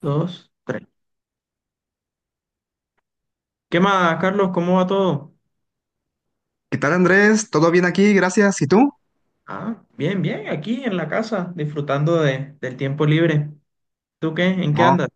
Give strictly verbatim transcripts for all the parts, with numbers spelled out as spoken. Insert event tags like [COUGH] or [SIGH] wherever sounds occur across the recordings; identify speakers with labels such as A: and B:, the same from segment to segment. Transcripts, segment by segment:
A: Dos, tres. ¿Qué más, Carlos? ¿Cómo va todo?
B: ¿Qué tal, Andrés? ¿Todo bien aquí? Gracias. ¿Y tú?
A: Ah, bien, bien, aquí en la casa, disfrutando de, del tiempo libre. ¿Tú qué? ¿En qué
B: No,
A: andas?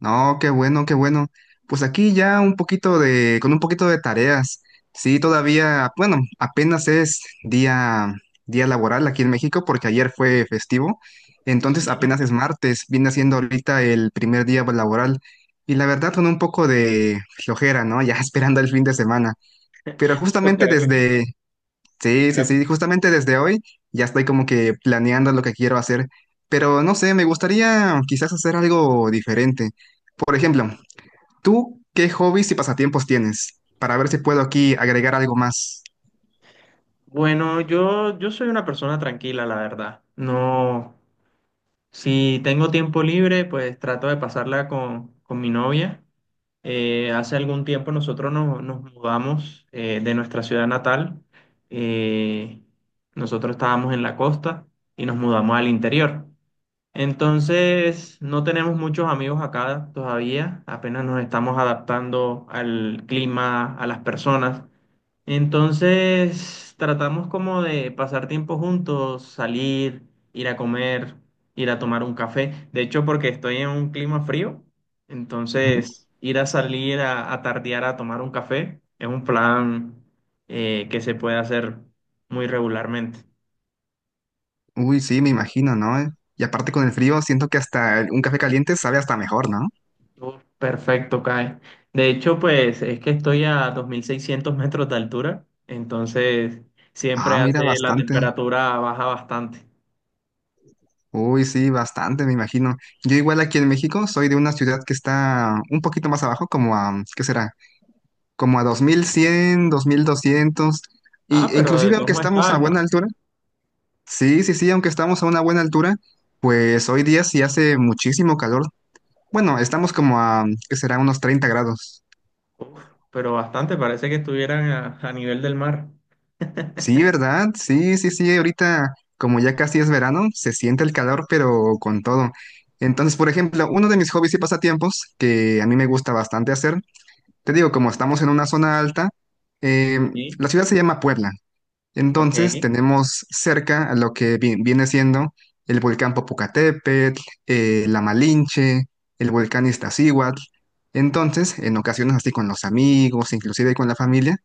B: no, qué bueno, qué bueno. Pues aquí ya un poquito de, con un poquito de tareas. Sí, todavía, bueno, apenas es día, día laboral aquí en México porque ayer fue festivo. Entonces
A: Sí,
B: apenas es martes, viene siendo ahorita el primer día laboral. Y la verdad con un poco de flojera, ¿no? [LAUGHS] Ya esperando el fin de semana. Pero
A: yo
B: justamente
A: creo que...
B: desde, Sí, sí,
A: creo-
B: sí, justamente desde hoy ya estoy como que planeando lo que quiero hacer, pero no sé, me gustaría quizás hacer algo diferente. Por ejemplo, ¿tú qué hobbies y pasatiempos tienes? Para ver si puedo aquí agregar algo más.
A: Bueno, yo, yo soy una persona tranquila, la verdad. No, si tengo tiempo libre, pues trato de pasarla con, con mi novia. Eh, hace algún tiempo nosotros nos, nos mudamos eh, de nuestra ciudad natal. Eh, Nosotros estábamos en la costa y nos mudamos al interior. Entonces, no tenemos muchos amigos acá todavía, apenas nos estamos adaptando al clima, a las personas. Entonces, tratamos como de pasar tiempo juntos, salir, ir a comer, ir a tomar un café. De hecho, porque estoy en un clima frío,
B: Ujú.
A: entonces ir a salir a, a tardear a tomar un café es un plan eh, que se puede hacer muy regularmente.
B: Uy, sí, me imagino, ¿no? Eh, Y aparte con el frío, siento que hasta el- un café caliente sabe hasta mejor, ¿no?
A: Uf, perfecto, Kai. De hecho, pues es que estoy a dos mil seiscientos metros de altura, entonces
B: Ah,
A: siempre
B: mira,
A: hace la
B: bastante.
A: temperatura baja bastante.
B: Uy, sí, bastante, me imagino. Yo igual aquí en México soy de una ciudad que está un poquito más abajo, como a, ¿qué será? Como a dos dos mil cien, dos mil doscientos
A: Ah,
B: y, e
A: pero de
B: inclusive
A: todos
B: aunque
A: modos está
B: estamos a buena
A: alta.
B: altura, sí, sí, sí, aunque estamos a una buena altura, pues hoy día sí hace muchísimo calor. Bueno, estamos como a, ¿qué será? Unos treinta grados.
A: Uf, pero bastante, parece que estuvieran a, a nivel del mar.
B: Sí, ¿verdad? Sí, sí, sí, ahorita como ya casi es verano, se siente el calor, pero con todo. Entonces, por ejemplo, uno de mis hobbies y pasatiempos que a mí me gusta bastante hacer, te digo, como estamos en una zona alta, eh,
A: Sí,
B: la ciudad se llama Puebla.
A: ok,
B: Entonces tenemos cerca a lo que vi- viene siendo el volcán Popocatépetl, eh, la Malinche, el volcán Iztaccíhuatl. Entonces, en ocasiones así con los amigos, inclusive con la familia,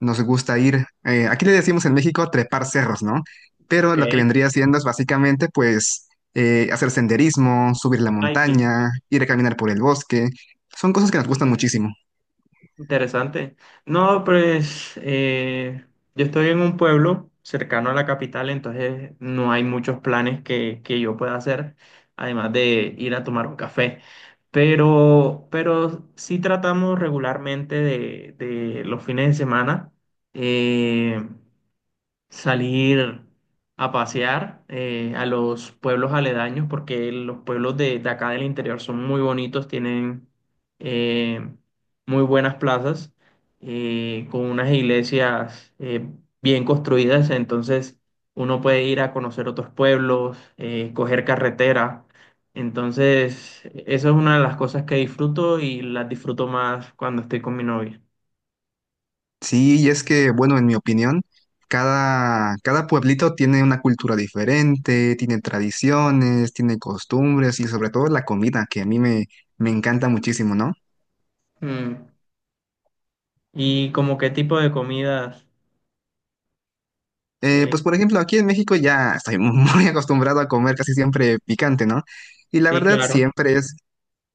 B: nos gusta ir, eh, aquí le decimos en México trepar cerros, ¿no? Pero
A: ok.
B: lo que vendría siendo es básicamente pues eh, hacer senderismo, subir la
A: Hiking.
B: montaña, ir a caminar por el bosque. Son cosas que nos gustan muchísimo.
A: Interesante. No, pues eh, yo estoy en un pueblo cercano a la capital, entonces no hay muchos planes que, que yo pueda hacer, además de ir a tomar un café. Pero, pero sí tratamos regularmente de, de los fines de semana. eh, Salir a pasear eh, a los pueblos aledaños, porque los pueblos de, de acá del interior son muy bonitos, tienen eh, muy buenas plazas, eh, con unas iglesias eh, bien construidas, entonces uno puede ir a conocer otros pueblos, eh, coger carretera. Entonces, esa es una de las cosas que disfruto y las disfruto más cuando estoy con mi novia.
B: Sí, y es que, bueno, en mi opinión, cada, cada pueblito tiene una cultura diferente, tiene tradiciones, tiene costumbres y sobre todo la comida, que a mí me, me encanta muchísimo, ¿no?
A: Mm. ¿Y como qué tipo de comidas?
B: Eh,
A: eh,
B: pues por ejemplo, aquí en México ya estoy [LAUGHS] muy acostumbrado a comer casi siempre picante, ¿no? Y la
A: Sí,
B: verdad
A: claro.
B: siempre es,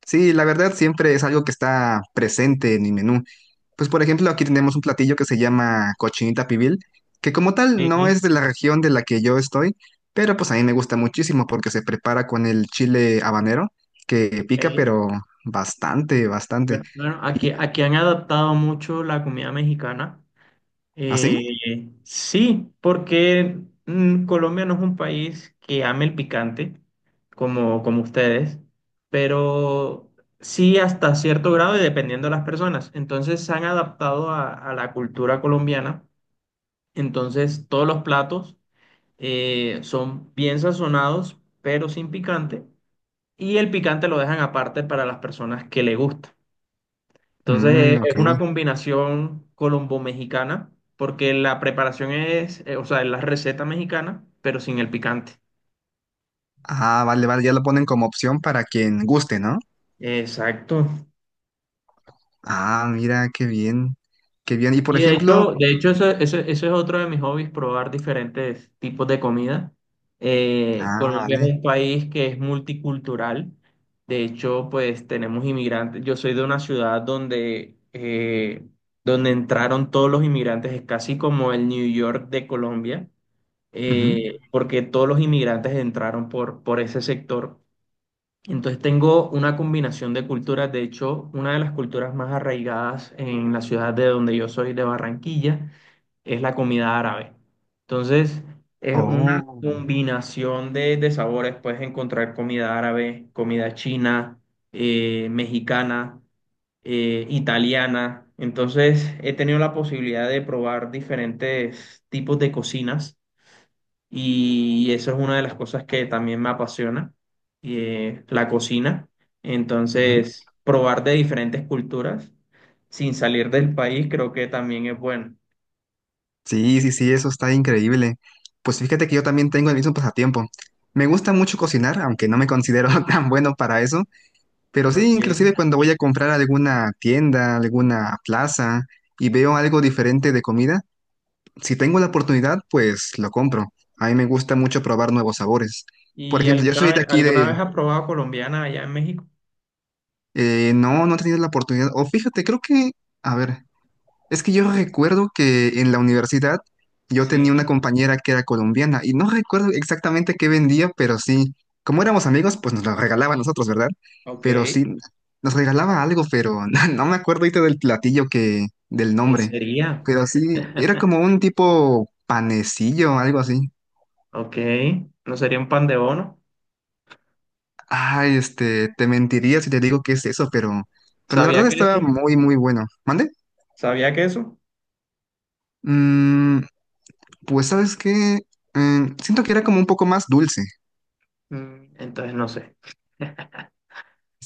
B: Sí, la verdad siempre es algo que está presente en mi menú. Pues por ejemplo, aquí tenemos un platillo que se llama cochinita pibil, que como tal no
A: Sí.
B: es de la región de la que yo estoy, pero pues a mí me gusta muchísimo porque se prepara con el chile habanero, que pica
A: Ok.
B: pero bastante, bastante.
A: Bueno, bueno,
B: ¿Y
A: aquí, aquí han adaptado mucho la comida mexicana.
B: así?
A: Eh, sí, porque mm, Colombia no es un país que ame el picante como, como ustedes, pero sí hasta cierto grado y dependiendo de las personas. Entonces se han adaptado a, a la cultura colombiana. Entonces todos los platos eh, son bien sazonados, pero sin picante. Y el picante lo dejan aparte para las personas que le gusta. Entonces
B: Mm,
A: eh, es una
B: ok.
A: combinación colombo-mexicana porque la preparación es, eh, o sea, es la receta mexicana, pero sin el picante.
B: Ah, vale, vale, ya lo ponen como opción para quien guste, ¿no?
A: Exacto.
B: Ah, mira, qué bien, qué bien. Y por
A: Y de
B: ejemplo,
A: hecho, de hecho eso, eso, eso es otro de mis hobbies, probar diferentes tipos de comida. Eh,
B: ah,
A: Colombia es
B: vale.
A: un país que es multicultural. De hecho, pues tenemos inmigrantes. Yo soy de una ciudad donde, eh, donde entraron todos los inmigrantes. Es casi como el New York de Colombia,
B: Ujú.
A: eh, porque todos los inmigrantes entraron por, por ese sector. Entonces tengo una combinación de culturas. De hecho, una de las culturas más arraigadas en la ciudad de donde yo soy, de Barranquilla, es la comida árabe. Entonces, es una
B: Oh,
A: combinación de, de sabores. Puedes encontrar comida árabe, comida china, eh, mexicana, eh, italiana. Entonces, he tenido la posibilidad de probar diferentes tipos de cocinas y eso es una de las cosas que también me apasiona, eh, la cocina.
B: ujú.
A: Entonces, probar de diferentes culturas sin salir del país creo que también es bueno.
B: Sí, sí, sí, eso está increíble. Pues fíjate que yo también tengo el mismo pasatiempo. Me gusta mucho cocinar, aunque no me considero [LAUGHS] tan bueno para eso, pero
A: ¿No?
B: sí,
A: Ok.
B: inclusive cuando voy a comprar a alguna tienda, alguna plaza y veo algo diferente de comida, si tengo la oportunidad, pues lo compro. A mí me gusta mucho probar nuevos sabores. Por
A: ¿Y
B: ejemplo, yo
A: alguna
B: soy de
A: vez,
B: aquí
A: alguna
B: de.
A: vez has probado colombiana allá en México?
B: Eh, no, no he tenido la oportunidad. O fíjate, creo que. A ver. Es que yo recuerdo que en la universidad yo tenía una
A: Sí,
B: compañera que era colombiana y no recuerdo exactamente qué vendía, pero sí, como éramos amigos, pues nos lo regalaba a nosotros, ¿verdad?
A: ok.
B: Pero
A: ¿Qué
B: sí, nos regalaba algo, pero [LAUGHS] no, no me acuerdo ahorita del platillo que, del nombre,
A: sería?
B: pero sí, era
A: [LAUGHS]
B: como un tipo panecillo, algo así.
A: Ok, ¿no sería un pan de bono?
B: Ay, este, te mentiría si te digo qué es eso, pero, pero la
A: ¿Sabía
B: verdad estaba
A: queso?
B: muy, muy bueno. ¿Mande?
A: ¿Sabía queso?
B: Mm, pues, ¿sabes qué? Mm, siento que era como un poco más dulce.
A: Mm, entonces no sé. [LAUGHS]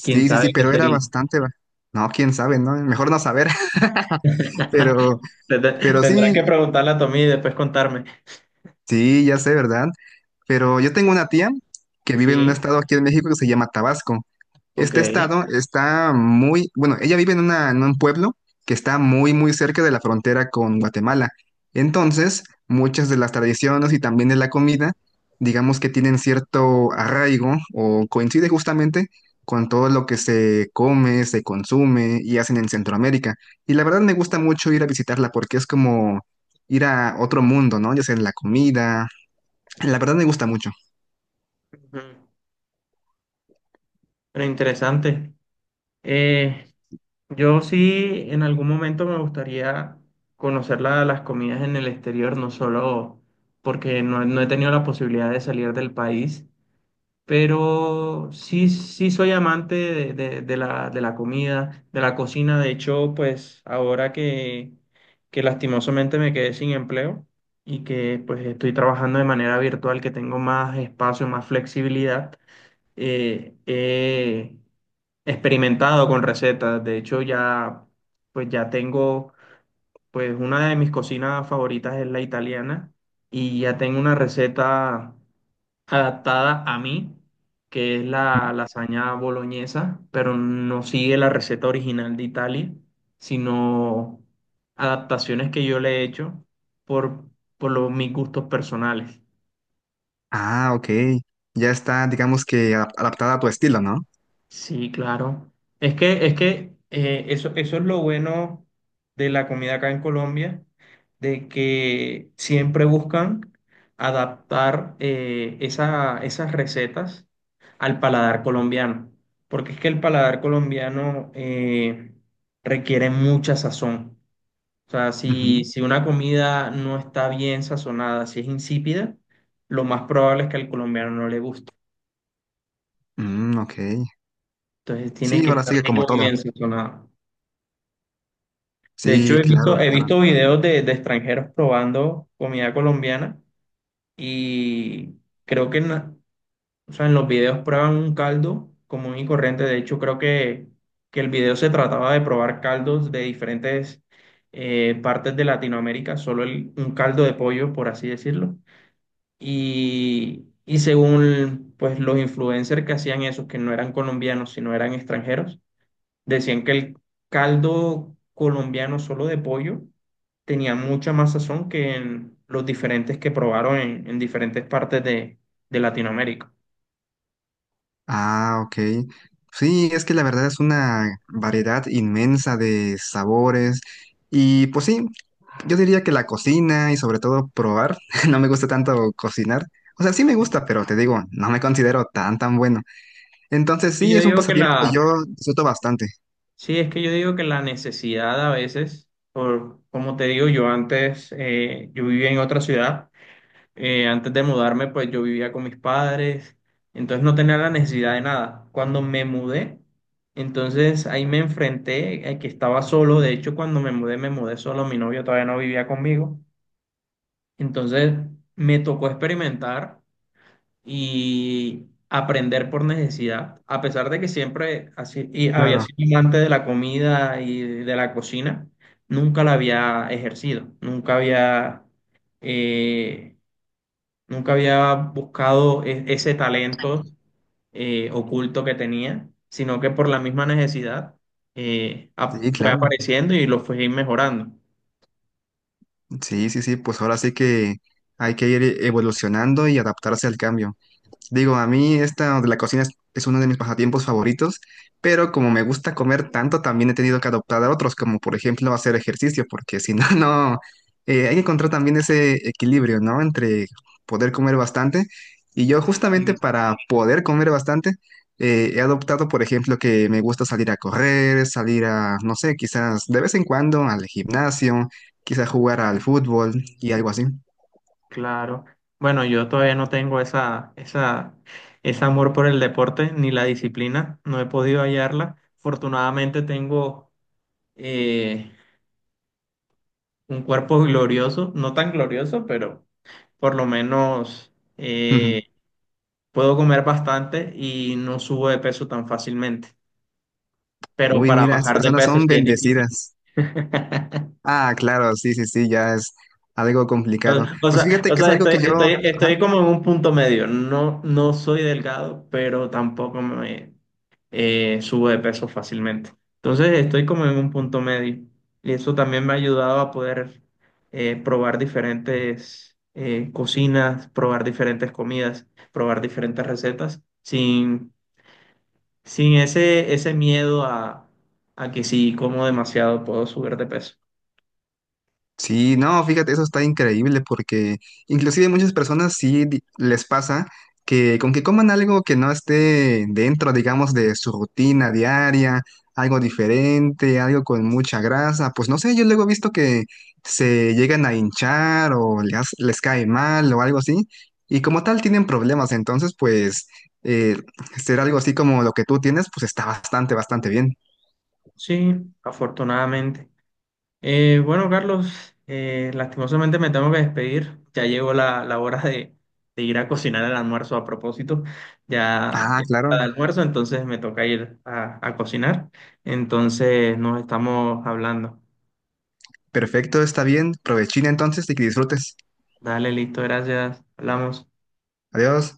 A: ¿Quién
B: sí, sí,
A: sabe qué
B: pero era
A: sería?
B: bastante. ba- No, quién sabe, ¿no? Mejor no saber. [LAUGHS]
A: [LAUGHS]
B: Pero,
A: Tendrá-
B: pero
A: Tendrás que
B: sí,
A: preguntarle a Tommy y después contarme.
B: sí, ya sé, ¿verdad? Pero yo tengo una tía que vive en un
A: Sí,
B: estado aquí en México que se llama Tabasco.
A: ok.
B: Este estado está muy, bueno, ella vive en una, en un pueblo que está muy, muy cerca de la frontera con Guatemala. Entonces, muchas de las tradiciones y también de la comida, digamos que tienen cierto arraigo o coincide justamente con todo lo que se come, se consume y hacen en Centroamérica. Y la verdad me gusta mucho ir a visitarla porque es como ir a otro mundo, ¿no? Ya sea en la comida. La verdad me gusta mucho.
A: Ujú. Pero interesante. Eh, Yo sí, en algún momento me gustaría conocer la- las comidas en el exterior, no solo porque no, no he tenido la posibilidad de salir del país, pero sí, sí soy amante de, de- de la, de la comida, de la cocina. De hecho, pues ahora que, que lastimosamente me quedé sin empleo y que pues estoy trabajando de manera virtual, que tengo más espacio, más flexibilidad, eh, he experimentado con recetas. De hecho, ya, pues ya tengo, pues una de mis cocinas favoritas es la italiana y ya tengo una receta adaptada a mí, que es la lasaña boloñesa, pero no sigue la receta original de Italia, sino adaptaciones que yo le he hecho por, por los, mis gustos personales.
B: Ah, ok. Ya está, digamos que adap- adaptada a tu estilo, ¿no?
A: Sí, claro. Es que, es que eh, eso, eso es lo bueno de la comida acá en Colombia, de que siempre buscan adaptar eh, esa- esas recetas al paladar colombiano, porque es que el paladar colombiano eh, requiere mucha sazón. O sea, si,
B: Ujú.
A: si una comida no está bien sazonada, si es insípida, lo más probable es que al colombiano no le guste.
B: Mm, ok.
A: Entonces tiene
B: Sí,
A: que
B: ahora
A: estar
B: sigue como
A: muy
B: todo.
A: bien sazonada. De hecho,
B: Sí,
A: he
B: claro,
A: visto, he
B: claro.
A: visto videos de, de extranjeros probando comida colombiana y creo que en, la- o sea, en los videos prueban un caldo común y corriente. De hecho, creo que, que el video se trataba de probar caldos de diferentes eh, partes de Latinoamérica, solo el- un caldo de pollo, por así decirlo. Y, y según pues, los influencers que hacían eso, que no eran colombianos, sino eran extranjeros, decían que el caldo colombiano solo de pollo tenía mucha más sazón que en los diferentes que probaron en, en diferentes partes de, de Latinoamérica.
B: Ah, ok. Sí, es que la verdad es una variedad inmensa de sabores. Y pues sí, yo diría que la cocina y sobre todo probar, [LAUGHS] no me gusta tanto cocinar. O sea, sí me gusta, pero te digo, no me considero tan, tan bueno.
A: Es
B: Entonces
A: que
B: sí,
A: yo
B: es un
A: digo que
B: pasatiempo que
A: la,
B: yo disfruto bastante.
A: sí, es que yo digo que la necesidad a veces, por, como te digo, yo antes, eh, yo vivía en otra ciudad eh, antes de mudarme, pues yo vivía con mis padres, entonces no tenía la necesidad de nada. Cuando me mudé, entonces ahí me enfrenté a que estaba solo. De hecho, cuando me mudé, me mudé solo. Mi novio todavía no vivía conmigo. Entonces me tocó experimentar y aprender por necesidad, a pesar de que siempre así, y había
B: Claro.
A: sido amante de la comida y de la cocina, nunca la había ejercido, nunca había... eh, nunca había buscado e- ese talento eh, oculto que tenía, sino que por la misma necesidad eh, ap-
B: Sí,
A: fue
B: claro.
A: apareciendo y lo fui mejorando.
B: Sí, sí, sí, pues ahora sí que hay que ir evolucionando y adaptarse al cambio. Digo, a mí esta de la cocina es, es uno de mis pasatiempos favoritos, pero como me gusta comer tanto, también he tenido que adoptar a otros, como por ejemplo hacer ejercicio, porque si no, [LAUGHS] no, eh, hay que encontrar también ese equilibrio, ¿no? Entre poder comer bastante. Y yo justamente
A: Y,
B: para poder comer bastante, eh, he adoptado, por ejemplo, que me gusta salir a correr, salir a, no sé, quizás de vez en cuando al gimnasio, quizás jugar al fútbol y algo así.
A: claro, bueno, yo todavía no tengo esa, esa, ese amor por el deporte ni la disciplina, no he podido hallarla. Afortunadamente tengo eh, un cuerpo glorioso, no tan glorioso, pero por lo menos... eh,
B: [LAUGHS]
A: puedo comer bastante y no subo de peso tan fácilmente, pero
B: Uy,
A: para
B: mira, esas
A: bajar de
B: personas
A: peso
B: son
A: sí es difícil.
B: bendecidas.
A: [LAUGHS]
B: Ah, claro, sí, sí, sí, ya es algo complicado.
A: O
B: Pues
A: sea,
B: fíjate
A: o
B: que es
A: sea,
B: algo
A: estoy,
B: que yo,
A: estoy,
B: ajá,
A: estoy como en un punto medio. No, no soy delgado, pero tampoco me eh, subo de peso fácilmente. Entonces estoy como en un punto medio. Y eso también me ha ayudado a poder eh, probar diferentes eh, cocinas, probar diferentes comidas, probar diferentes recetas, sin sin ese, ese miedo a, a que si como demasiado puedo subir de peso.
B: sí, no, fíjate, eso está increíble porque inclusive muchas personas sí di- les pasa que con que coman algo que no esté dentro, digamos, de su rutina diaria, algo diferente, algo con mucha grasa, pues no sé, yo luego he visto que se llegan a hinchar o les, les cae mal o algo así y como tal tienen problemas, entonces pues eh, ser algo así como lo que tú tienes, pues está bastante, bastante bien.
A: Sí, afortunadamente. Eh, bueno, Carlos, eh, lastimosamente me tengo que despedir. Ya llegó la, la hora de, de ir a cocinar el almuerzo a propósito. Ya,
B: Ah,
A: ya está
B: claro,
A: el almuerzo, entonces me toca ir a, a cocinar. Entonces nos estamos hablando.
B: perfecto, está bien, provechina entonces y que disfrutes.
A: Dale, listo, gracias. Hablamos.
B: Adiós.